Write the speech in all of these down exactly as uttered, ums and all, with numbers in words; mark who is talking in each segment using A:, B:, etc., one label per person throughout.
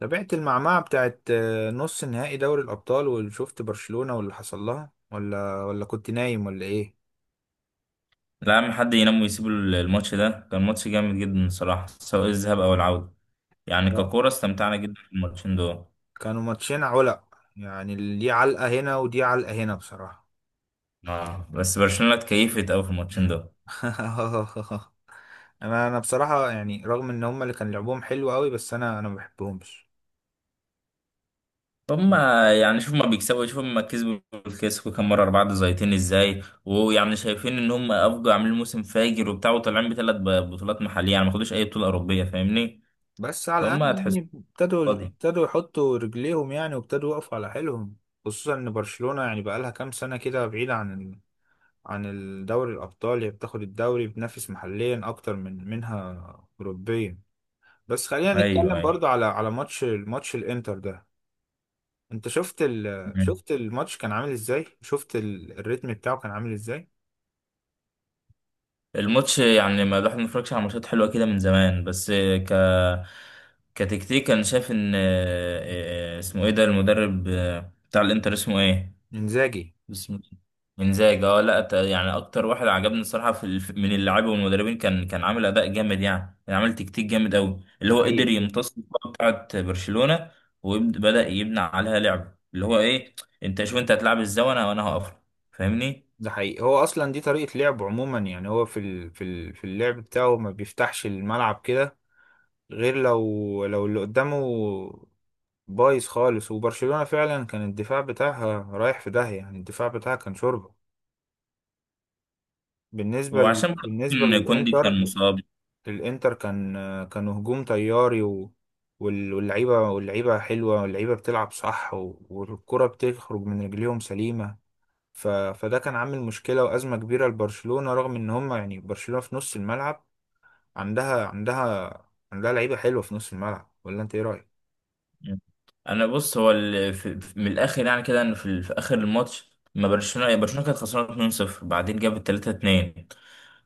A: تابعت المعمعة بتاعت آه، نص نهائي دوري الأبطال وشفت برشلونة واللي حصل لها ولا ولا كنت نايم ولا إيه؟
B: لا يا عم حد ينام ويسيب الماتش ده. كان ماتش جامد جدا الصراحة، سواء الذهاب أو العودة. يعني
A: اه،
B: ككورة استمتعنا جدا في الماتشين دول.
A: كانوا ماتشين علق، يعني دي علقة هنا ودي علقة هنا بصراحة.
B: آه، بس برشلونة اتكيفت أوي في الماتشين دول.
A: أنا أنا بصراحة يعني رغم إن هما اللي كان لعبهم حلو قوي، بس أنا أنا ما بحبهمش.
B: هما يعني شوف ما بيكسبوا، شوف ما كسبوا الكلاسيكو كام مرة. أربعة زيتين إزاي؟ ويعني شايفين إن هم أفجوا، عاملين موسم فاجر وبتاع، وطالعين بثلاث بطولات محلية. يعني ما خدوش أي بطولة أوروبية، فاهمني؟
A: بس على
B: فهم
A: الأقل يعني
B: هتحسوا
A: ابتدوا
B: فاضي.
A: ابتدوا يحطوا رجليهم يعني، وابتدوا يقفوا على حيلهم. خصوصا إن برشلونة يعني بقالها كام سنة كده بعيدة عن عن الدوري الأبطال، هي بتاخد الدوري بتنافس محليا أكتر من منها أوروبيا. بس خلينا نتكلم
B: أيوه،
A: برضو على على ماتش الماتش الإنتر ده. أنت شفت ال...
B: أيوه.
A: شفت الماتش كان عامل إزاي؟ شفت ال... الريتم بتاعه كان عامل إزاي؟
B: الماتش يعني ما الواحد ما اتفرجش على ماتشات حلوه كده من زمان، بس ك كتكتيك انا شايف ان آه، آه، اسمه ايه ده المدرب، آه، بتاع الانتر اسمه ايه؟
A: إنزاجي.
B: اسمه انزاجي. اه، لا ت- يعني اكتر واحد عجبني الصراحه في الف- من اللاعبين والمدربين كان كان عامل اداء جامد، يعني كان عامل تكتيك جامد قوي. اللي
A: ده
B: هو قدر
A: حقيقي فعلا.
B: يمتص الكره بتاعت برشلونه، وبدا يبنى عليها لعب. اللي هو ايه، انت شوف انت هتلعب ازاي، وانا وانا هقفل، فاهمني؟
A: ده حقيقي، هو أصلا دي طريقة لعبه عموما، يعني هو في ال... في ال... في اللعب بتاعه ما بيفتحش الملعب كده، غير لو لو اللي قدامه بايظ خالص. وبرشلونة فعلا كان الدفاع بتاعها رايح في داهية، يعني الدفاع بتاعها كان شوربة. بالنسبة ل...
B: وعشان برضه
A: بالنسبة
B: ان كوندي كان
A: للإنتر،
B: مصاب.
A: الإنتر كان كانوا هجوم طياري و... وال- واللعيبة واللعيبة حلوة، واللعيبة بتلعب صح، و... والكرة بتخرج من رجليهم سليمة. ف... فده كان عامل مشكلة وأزمة كبيرة لبرشلونة، رغم إن هم يعني برشلونة في نص الملعب عندها عندها عندها لعيبة حلوة في نص الملعب. ولا أنت إيه رأيك؟
B: مم. انا بص، هو ال- في في- من الاخر يعني كده، ان في, في اخر الماتش، ما برشلونه يعني برشلونه كانت خسرانه اتنين صفر، بعدين جابت تلاتة اتنين.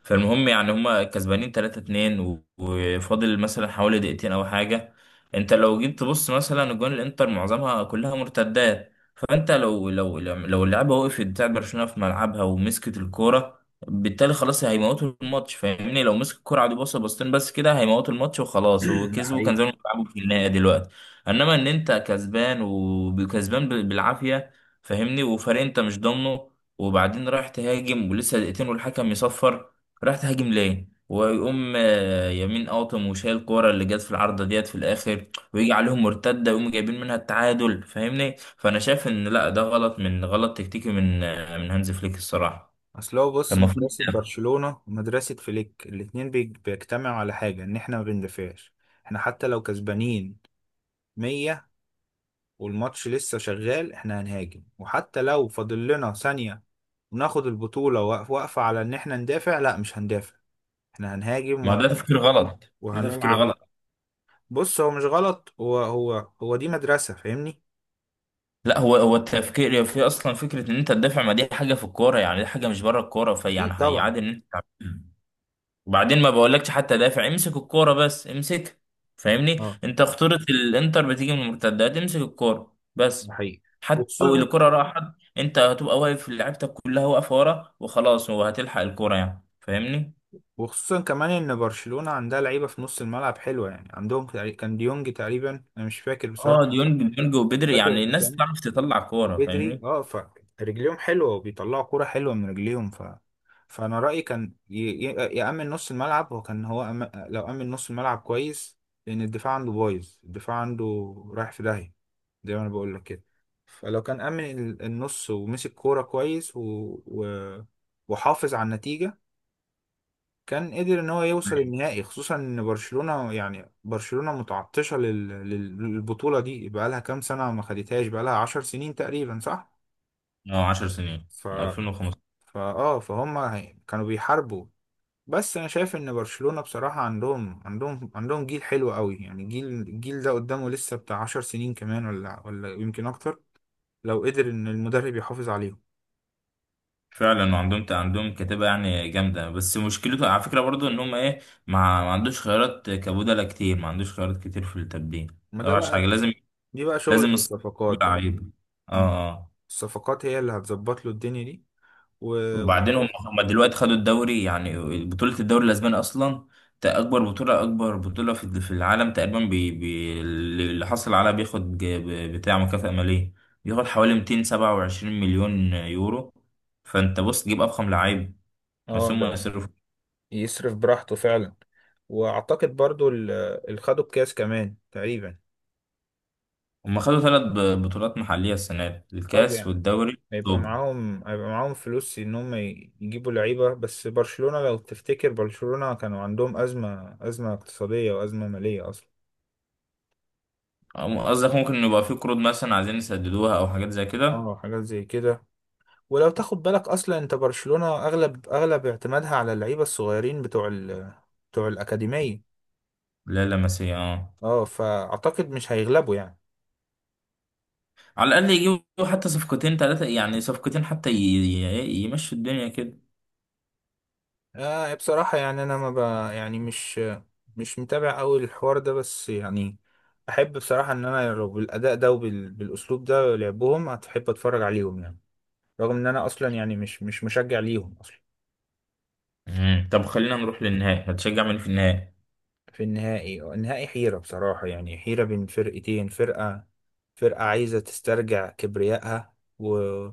B: فالمهم يعني هما كسبانين تلاتة اتنين، و- وفاضل مثلا حوالي دقيقتين او حاجه. انت لو جيت تبص، مثلا اجوان الانتر معظمها كلها مرتدات. فانت لو لو لو اللعيبه وقفت بتاعت برشلونه في ملعبها، ومسكت الكوره، بالتالي خلاص هيموتوا الماتش، فاهمني؟ لو مسك الكوره عادي بص بصتين بس كده، هيموتوا الماتش وخلاص،
A: ده
B: وكسبوا. كان
A: حقيقي.
B: زمان بيلعبوا في النهائي دلوقتي. انما ان انت كسبان، وكسبان ب- بالعافيه، فاهمني؟ وفريق انت مش ضامنه. وبعدين رايح تهاجم ولسه دقيقتين والحكم يصفر. رايح تهاجم ليه؟ ويقوم آه، يمين قاطم، وشايل الكوره اللي جت في العارضه ديت في الاخر، ويجي عليهم مرتده، ويقوم جايبين منها التعادل، فاهمني؟ فانا شايف ان لا، ده غلط. من غلط تكتيكي من آه، من هانز فليك الصراحه.
A: اصل هو بص،
B: كان المفروض.
A: مدرسة برشلونة ومدرسة فليك الاتنين بيج- بيجتمعوا على حاجة، ان احنا ما بندافعش. احنا حتى لو كسبانين مية والماتش لسه شغال، احنا هنهاجم. وحتى لو فاضل لنا ثانية وناخد البطولة، واق- واقفة على ان احنا ندافع. لا، مش هندافع، احنا هنهاجم
B: ما
A: و-
B: ده تفكير غلط، ده تفكير
A: وهنلعب.
B: غلط.
A: بص هو مش غلط، هو هو هو دي مدرسة فاهمني.
B: لا، هو هو التفكير في اصلا فكره ان انت تدافع، ما دي حاجه في الكوره، يعني دي حاجه مش بره الكوره. فيعني
A: اكيد طبعا،
B: هيعادل ان انت. وبعدين ما بقولكش حتى دافع، امسك الكوره بس، امسك. فاهمني؟
A: اه
B: انت خطوره الانتر بتيجي من المرتدات. امسك الكوره
A: ده
B: بس.
A: حقيقي.
B: حتى لو
A: وخصوصا،
B: الكوره راحت، انت هتبقى واقف، لعيبتك كلها واقفه ورا وخلاص، وهتلحق الكوره يعني، فاهمني؟
A: وخصوصا كمان ان برشلونة عندها لعيبة في نص الملعب حلوة، يعني عندهم تقري- كان ديونج تقريبا، انا مش فاكر بصراحة،
B: اه، ديونج ديونج
A: مش
B: وبدري،
A: فاكر
B: يعني الناس
A: الاسامي.
B: تعرف تطلع كوره،
A: وبدري
B: فاهمني؟
A: اه، فرجليهم حلوة وبيطلعوا كورة حلوة من رجليهم. ف فانا رأيي كان ي... ي... يأمن نص الملعب، وكان هو أم... لو أمن نص الملعب كويس، لان الدفاع عنده بايظ، الدفاع عنده رايح في داهية زي ما انا بقول لك كده. فلو كان أمن ال- النص ومسك كورة كويس و... و... وحافظ على النتيجة، كان قدر ان هو يوصل النهائي. خصوصا ان برشلونة يعني برشلونة متعطشة لل- لل- للبطولة دي، بقالها كام سنة ما خدتهاش، بقالها عشر سنين تقريبا صح.
B: اه، عشر سنين
A: ف
B: من ألفين وخمستاشر.
A: فا اه فهم هي- كانوا بيحاربوا. بس انا شايف ان برشلونة بصراحة عندهم عندهم عندهم جيل حلو قوي، يعني جيل الجيل ده قدامه لسه بتاع عشر سنين كمان، ولا ولا يمكن اكتر، لو قدر ان المدرب يحافظ عليهم.
B: فعلا. وعندهم عندهم كتابة يعني جامدة. بس مشكلته على فكرة برضو، ان هم ايه، ما ما عندوش خيارات كبودلة كتير. ما عندوش خيارات كتير في التبديل،
A: ما
B: ده
A: ده
B: وحش حاجة.
A: بقى،
B: لازم،
A: دي بقى شغلة
B: لازم الص- كل
A: الصفقات بقى.
B: لعيب. اه.
A: مم.
B: اه.
A: الصفقات هي اللي هتظبط له الدنيا دي و...
B: وبعدين هم هم دلوقتي خدوا الدوري يعني، بطولة الدوري الاسباني اصلا، تا- اكبر بطولة. اكبر بطولة في في العالم تقريبا. بي بي اللي حصل عليها بياخد ج- ب- بتاع مكافأة مالية. بياخد حوالي مئتين وسبعة وعشرين مليون يورو. فانت بص تجيب افخم لعيب،
A: اه
B: بس هم
A: ده
B: يصرفوا.
A: يصرف براحته فعلا. واعتقد برضو ال- اللي خدوا الكاس كمان تقريبا.
B: هم خدوا ثلاث ب- بطولات محلية السنة دي،
A: طب
B: الكاس
A: يعني
B: والدوري
A: هيبقى
B: والسوبر.
A: معاهم هيبقى معاهم فلوس ان هم ي- يجيبوا لعيبه. بس برشلونه لو تفتكر برشلونه كانوا عندهم ازمه ازمه اقتصاديه وازمه ماليه اصلا.
B: أم- قصدك ممكن يبقى في قروض مثلا عايزين يسددوها، أو حاجات زي كده.
A: اه حاجات زي كده. ولو تاخد بالك اصلا انت برشلونه اغلب اغلب اعتمادها على اللعيبه الصغيرين بتوع ال... بتوع الاكاديميه.
B: لا، لا، مسيا، اه.
A: اه فاعتقد مش هيغلبوا يعني.
B: على الأقل يجيبوا حتى صفقتين ثلاثة، يعني صفقتين حتى ي... ي... يمشوا الدنيا كده.
A: آه بصراحة يعني أنا ما ب... يعني مش مش متابع أوي الحوار ده. بس يعني أحب بصراحة إن أنا لو بالأداء ده وبال... بالأسلوب ده لعبهم هتحب أتفرج عليهم يعني، رغم إن أنا أصلا يعني مش مش مشجع ليهم أصلا.
B: مم. طب خلينا نروح للنهائي. هتشجع مين في النهائي؟
A: في النهائي، النهائي حيرة بصراحة، يعني حيرة بين فرقتين. فرقة فرقة عايزة تسترجع كبريائها و...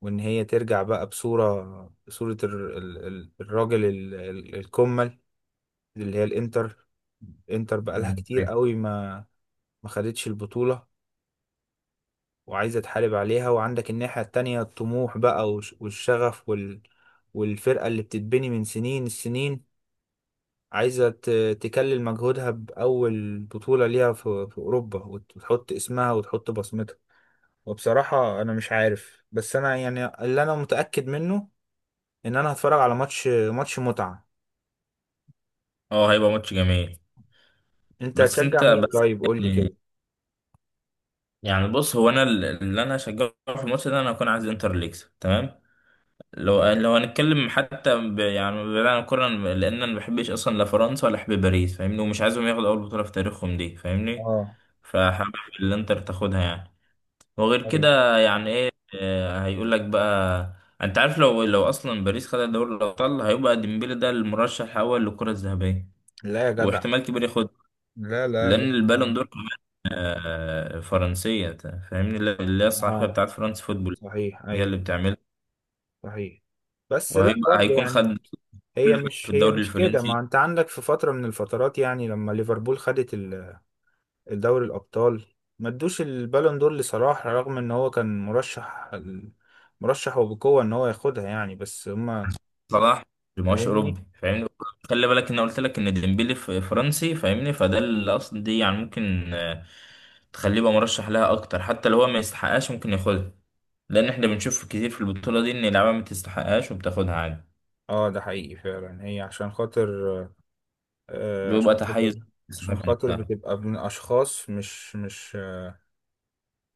A: وإن هي ترجع بقى بصورة، بصورة ال... ال... ال- الراجل ال... ال- الكمل، اللي هي الانتر. انتر بقالها
B: مم.
A: كتير قوي ما ما خدتش البطولة، وعايزة تحارب عليها. وعندك الناحية التانية الطموح بقى والش- والشغف وال... والفرقة اللي بتتبني من سنين السنين، عايزة ت... تكلل مجهودها بأول بطولة ليها في... في أوروبا، وت- وتحط اسمها وتحط بصمتها. وبصراحة أنا مش عارف، بس أنا يعني اللي أنا متأكد منه إن أنا هتفرج على ماتش ماتش متعة.
B: اه، هيبقى ماتش جميل.
A: أنت
B: بس
A: هتشجع
B: انت
A: مين طيب؟ قول لي
B: بقى-
A: كده.
B: يعني بص، هو انا ال- اللي انا هشجعه في الماتش ده، انا هكون عايز انتر اللي يكسب، تمام؟ لو لو هنتكلم حتى ب... يعني بعيد عن الكورة، أنا- لأن أنا مبحبش أصلا لا فرنسا، ولا أحب باريس، فاهمني؟ ومش عايزهم ياخدوا أول بطولة في تاريخهم دي، فاهمني؟
A: اه،
B: فحابب الإنتر تاخدها يعني. وغير
A: ايوه.
B: كده يعني إيه، آه، هيقول لك بقى. أنت عارف لو لو أصلا باريس خدت دوري الأبطال، هيبقى ديمبلي ده المرشح الأول للكرة الذهبية،
A: لا يا جدع.
B: واحتمال كبير ياخدها.
A: لا لا لا.
B: لأن
A: لا.
B: البالون دور كمان آه، فرنسية، فاهمني؟ اللي اللي هي الصحيفة
A: اه
B: بتاعت فرنسا فوتبول،
A: صحيح،
B: هي اللي
A: ايوه
B: بتعملها.
A: صحيح. بس لا
B: وهيبقى
A: برضه
B: هيكون
A: يعني،
B: خد
A: هي مش
B: في
A: هي
B: الدوري
A: مش كده، ما
B: الفرنسي.
A: انت عندك في فترة من الفترات يعني لما ليفربول خدت ال- الدوري الأبطال، ما ادوش البالون دور لصلاح، رغم ان هو كان مرشح، مرشح وبقوة ان هو ياخدها يعني. بس هما
B: صلاح في ماتش
A: فاهمني.
B: اوروبي، فاهمني؟ خلي بالك ان أنا قلت لك ان ديمبلي في فرنسي، فاهمني؟ فده اللي اصلا دي يعني ممكن آه، تخليه يبقى مرشح لها اكتر. حتى لو هو ما يستحقهاش ممكن ياخدها. لان احنا بنشوف كتير في البطوله دي ان اللعيبه ما تستحقهاش وبتاخدها عادي.
A: اه ده حقيقي فعلا، هي عشان خاطر. آه عشان
B: بيبقى تحيز
A: خاطر، عشان
B: الصحافه
A: خاطر
B: نفسها.
A: بتبقى من اشخاص مش مش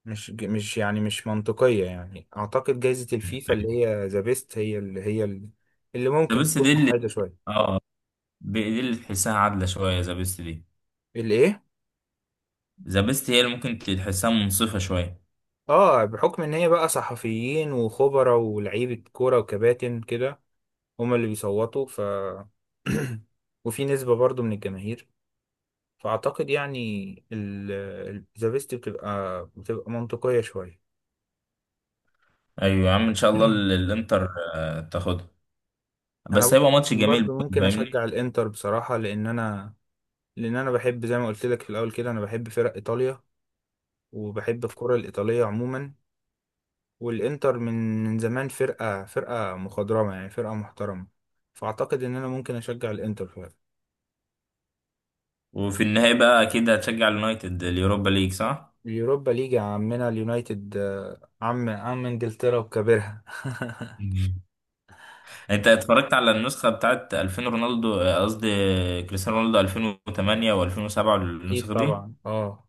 A: مش مش يعني مش منطقية. يعني أعتقد جايزة الفيفا اللي هي ذا بيست هي اللي هي اللي اللي
B: ذا
A: ممكن
B: بيست دي
A: تكون
B: اللي
A: محايدة شوية.
B: اه ب- دي اللي تحسها عادله شويه، ذا بيست دي.
A: الإيه؟
B: ذا بيست هي اللي ممكن تحسها منصفه شويه.
A: آه، بحكم إن هي بقى صحفيين وخبراء ولاعيبة كورة وكباتن كده، هما اللي بيصوتوا. ف وفي نسبة برضو من الجماهير، فأعتقد يعني ذا بيست بتبقى بتبقى منطقية شوية.
B: ايوه يا عم، ان شاء الله ال- الانتر آه، تاخدها.
A: أنا
B: بس هيبقى ماتش جميل
A: برضو
B: برضه،
A: ممكن
B: فاهمني؟
A: أشجع الإنتر بصراحة، لأن أنا لأن أنا بحب زي ما قلت لك في الأول كده. أنا بحب فرق إيطاليا، وبحب الكرة الإيطالية عموما. والإنتر من من زمان فرقة، فرقة مخضرمة، يعني فرقة محترمة. فأعتقد إن أنا ممكن أشجع الإنتر فعلا.
B: وفي النهاية بقى أكيد هتشجع اليونايتد اليوروبا ليج، صح؟
A: اليوروبا ليج يا عمنا، اليونايتد آه، عم عم إنجلترا وكبرها.
B: مم. أنت اتفرجت على النسخة بتاعت ألفين رونالدو، آه، قصدي كريستيانو رونالدو ألفين وتمنية و2007
A: أكيد
B: النسخة دي.
A: طبعا، أه.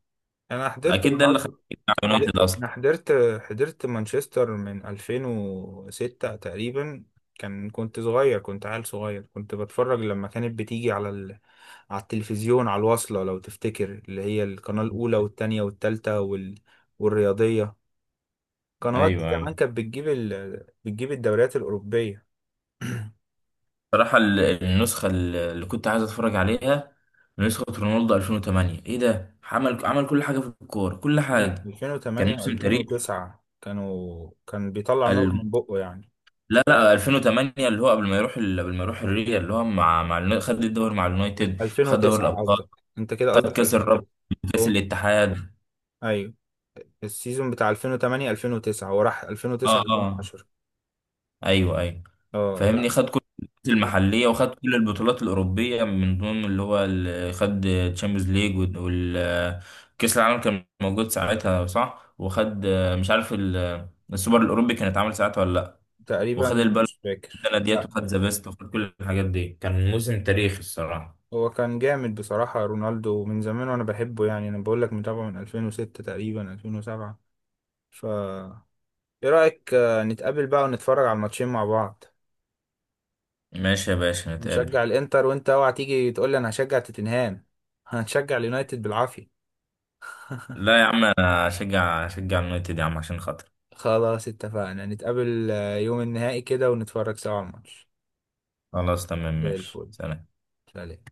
A: أنا حضرت
B: أكيد ده اللي خلاك
A: رونالدو.
B: على
A: حد-
B: اليونايتد أصلا.
A: انا حضرت حضرت مانشستر من ألفين وستة تقريبا. كان كنت صغير، كنت عيل صغير، كنت بتفرج لما كانت بتيجي على ال... على التلفزيون، على الواصلة لو تفتكر، اللي هي القناة الأولى والتانية والتالتة وال... والرياضية. القنوات دي
B: أيوه،
A: زمان
B: أيوه.
A: كانت بتجيب ال... بتجيب الدوريات الأوروبية.
B: بصراحة ال- النسخة ال- اللي كنت عايز أتفرج عليها، نسخة رونالدو ألفين وثمانية، إيه ده! عمل عمل كل حاجة في الكورة، كل حاجة. كان
A: ألفين وثمانية
B: موسم تاريخي.
A: و2009. كانوا كان بيطلع نار من بقه يعني.
B: لا، لا، ألفين وثمانية اللي هو قبل ما يروح ال- قبل ما يروح الريال. اللي هو مع مع النا- خد الدوري مع اليونايتد، خد دوري
A: ألفين وتسعة
B: الابطال،
A: قصدك؟ انت كده
B: خد
A: قصدك
B: كاس الرابطه،
A: ألفين وتسعة.
B: كاس
A: هو-
B: الاتحاد.
A: ايوه، السيزون بتاع ألفين وثمانية ألفين وتسعة، هو راح
B: اه،
A: ألفين وتسعة
B: اه،
A: ألفين وعشرة.
B: ايوه، ايوه،
A: اه
B: فاهمني.
A: لا،
B: خد كل البطولات
A: خد
B: المحليه، وخد كل البطولات الاوروبيه. من ضمن اللي هو ال- خد تشامبيونز ليج، والكاس العالم كان موجود ساعتها صح. وخد آه، مش عارف، ال- السوبر الاوروبي كان اتعمل ساعتها ولا لا.
A: تقريبا،
B: وخد البلد
A: مش
B: السنه
A: فاكر
B: ديت،
A: لا.
B: وخد ذا بيست، وخد كل الحاجات دي. كان موسم تاريخي الصراحه.
A: هو كان جامد بصراحة رونالدو من زمان، وانا بحبه يعني. انا بقول لك متابعه من ألفين وستة تقريبا ألفين وسبعة. ف ايه رأيك آه، نتقابل بقى ونتفرج على الماتشين مع بعض؟
B: ماشي يا باشا، نتقابل.
A: نشجع الانتر، وانت اوعى تيجي تقول لي انا هشجع توتنهام. هنشجع اليونايتد بالعافية.
B: لا يا عم، انا اشجع، اشجع اليونايتد يا عم، عشان خاطر.
A: خلاص اتفقنا، نتقابل آه، يوم النهائي كده ونتفرج سوا على الماتش.
B: خلاص، تمام،
A: زي
B: ماشي،
A: الفل.
B: سلام.
A: سلام.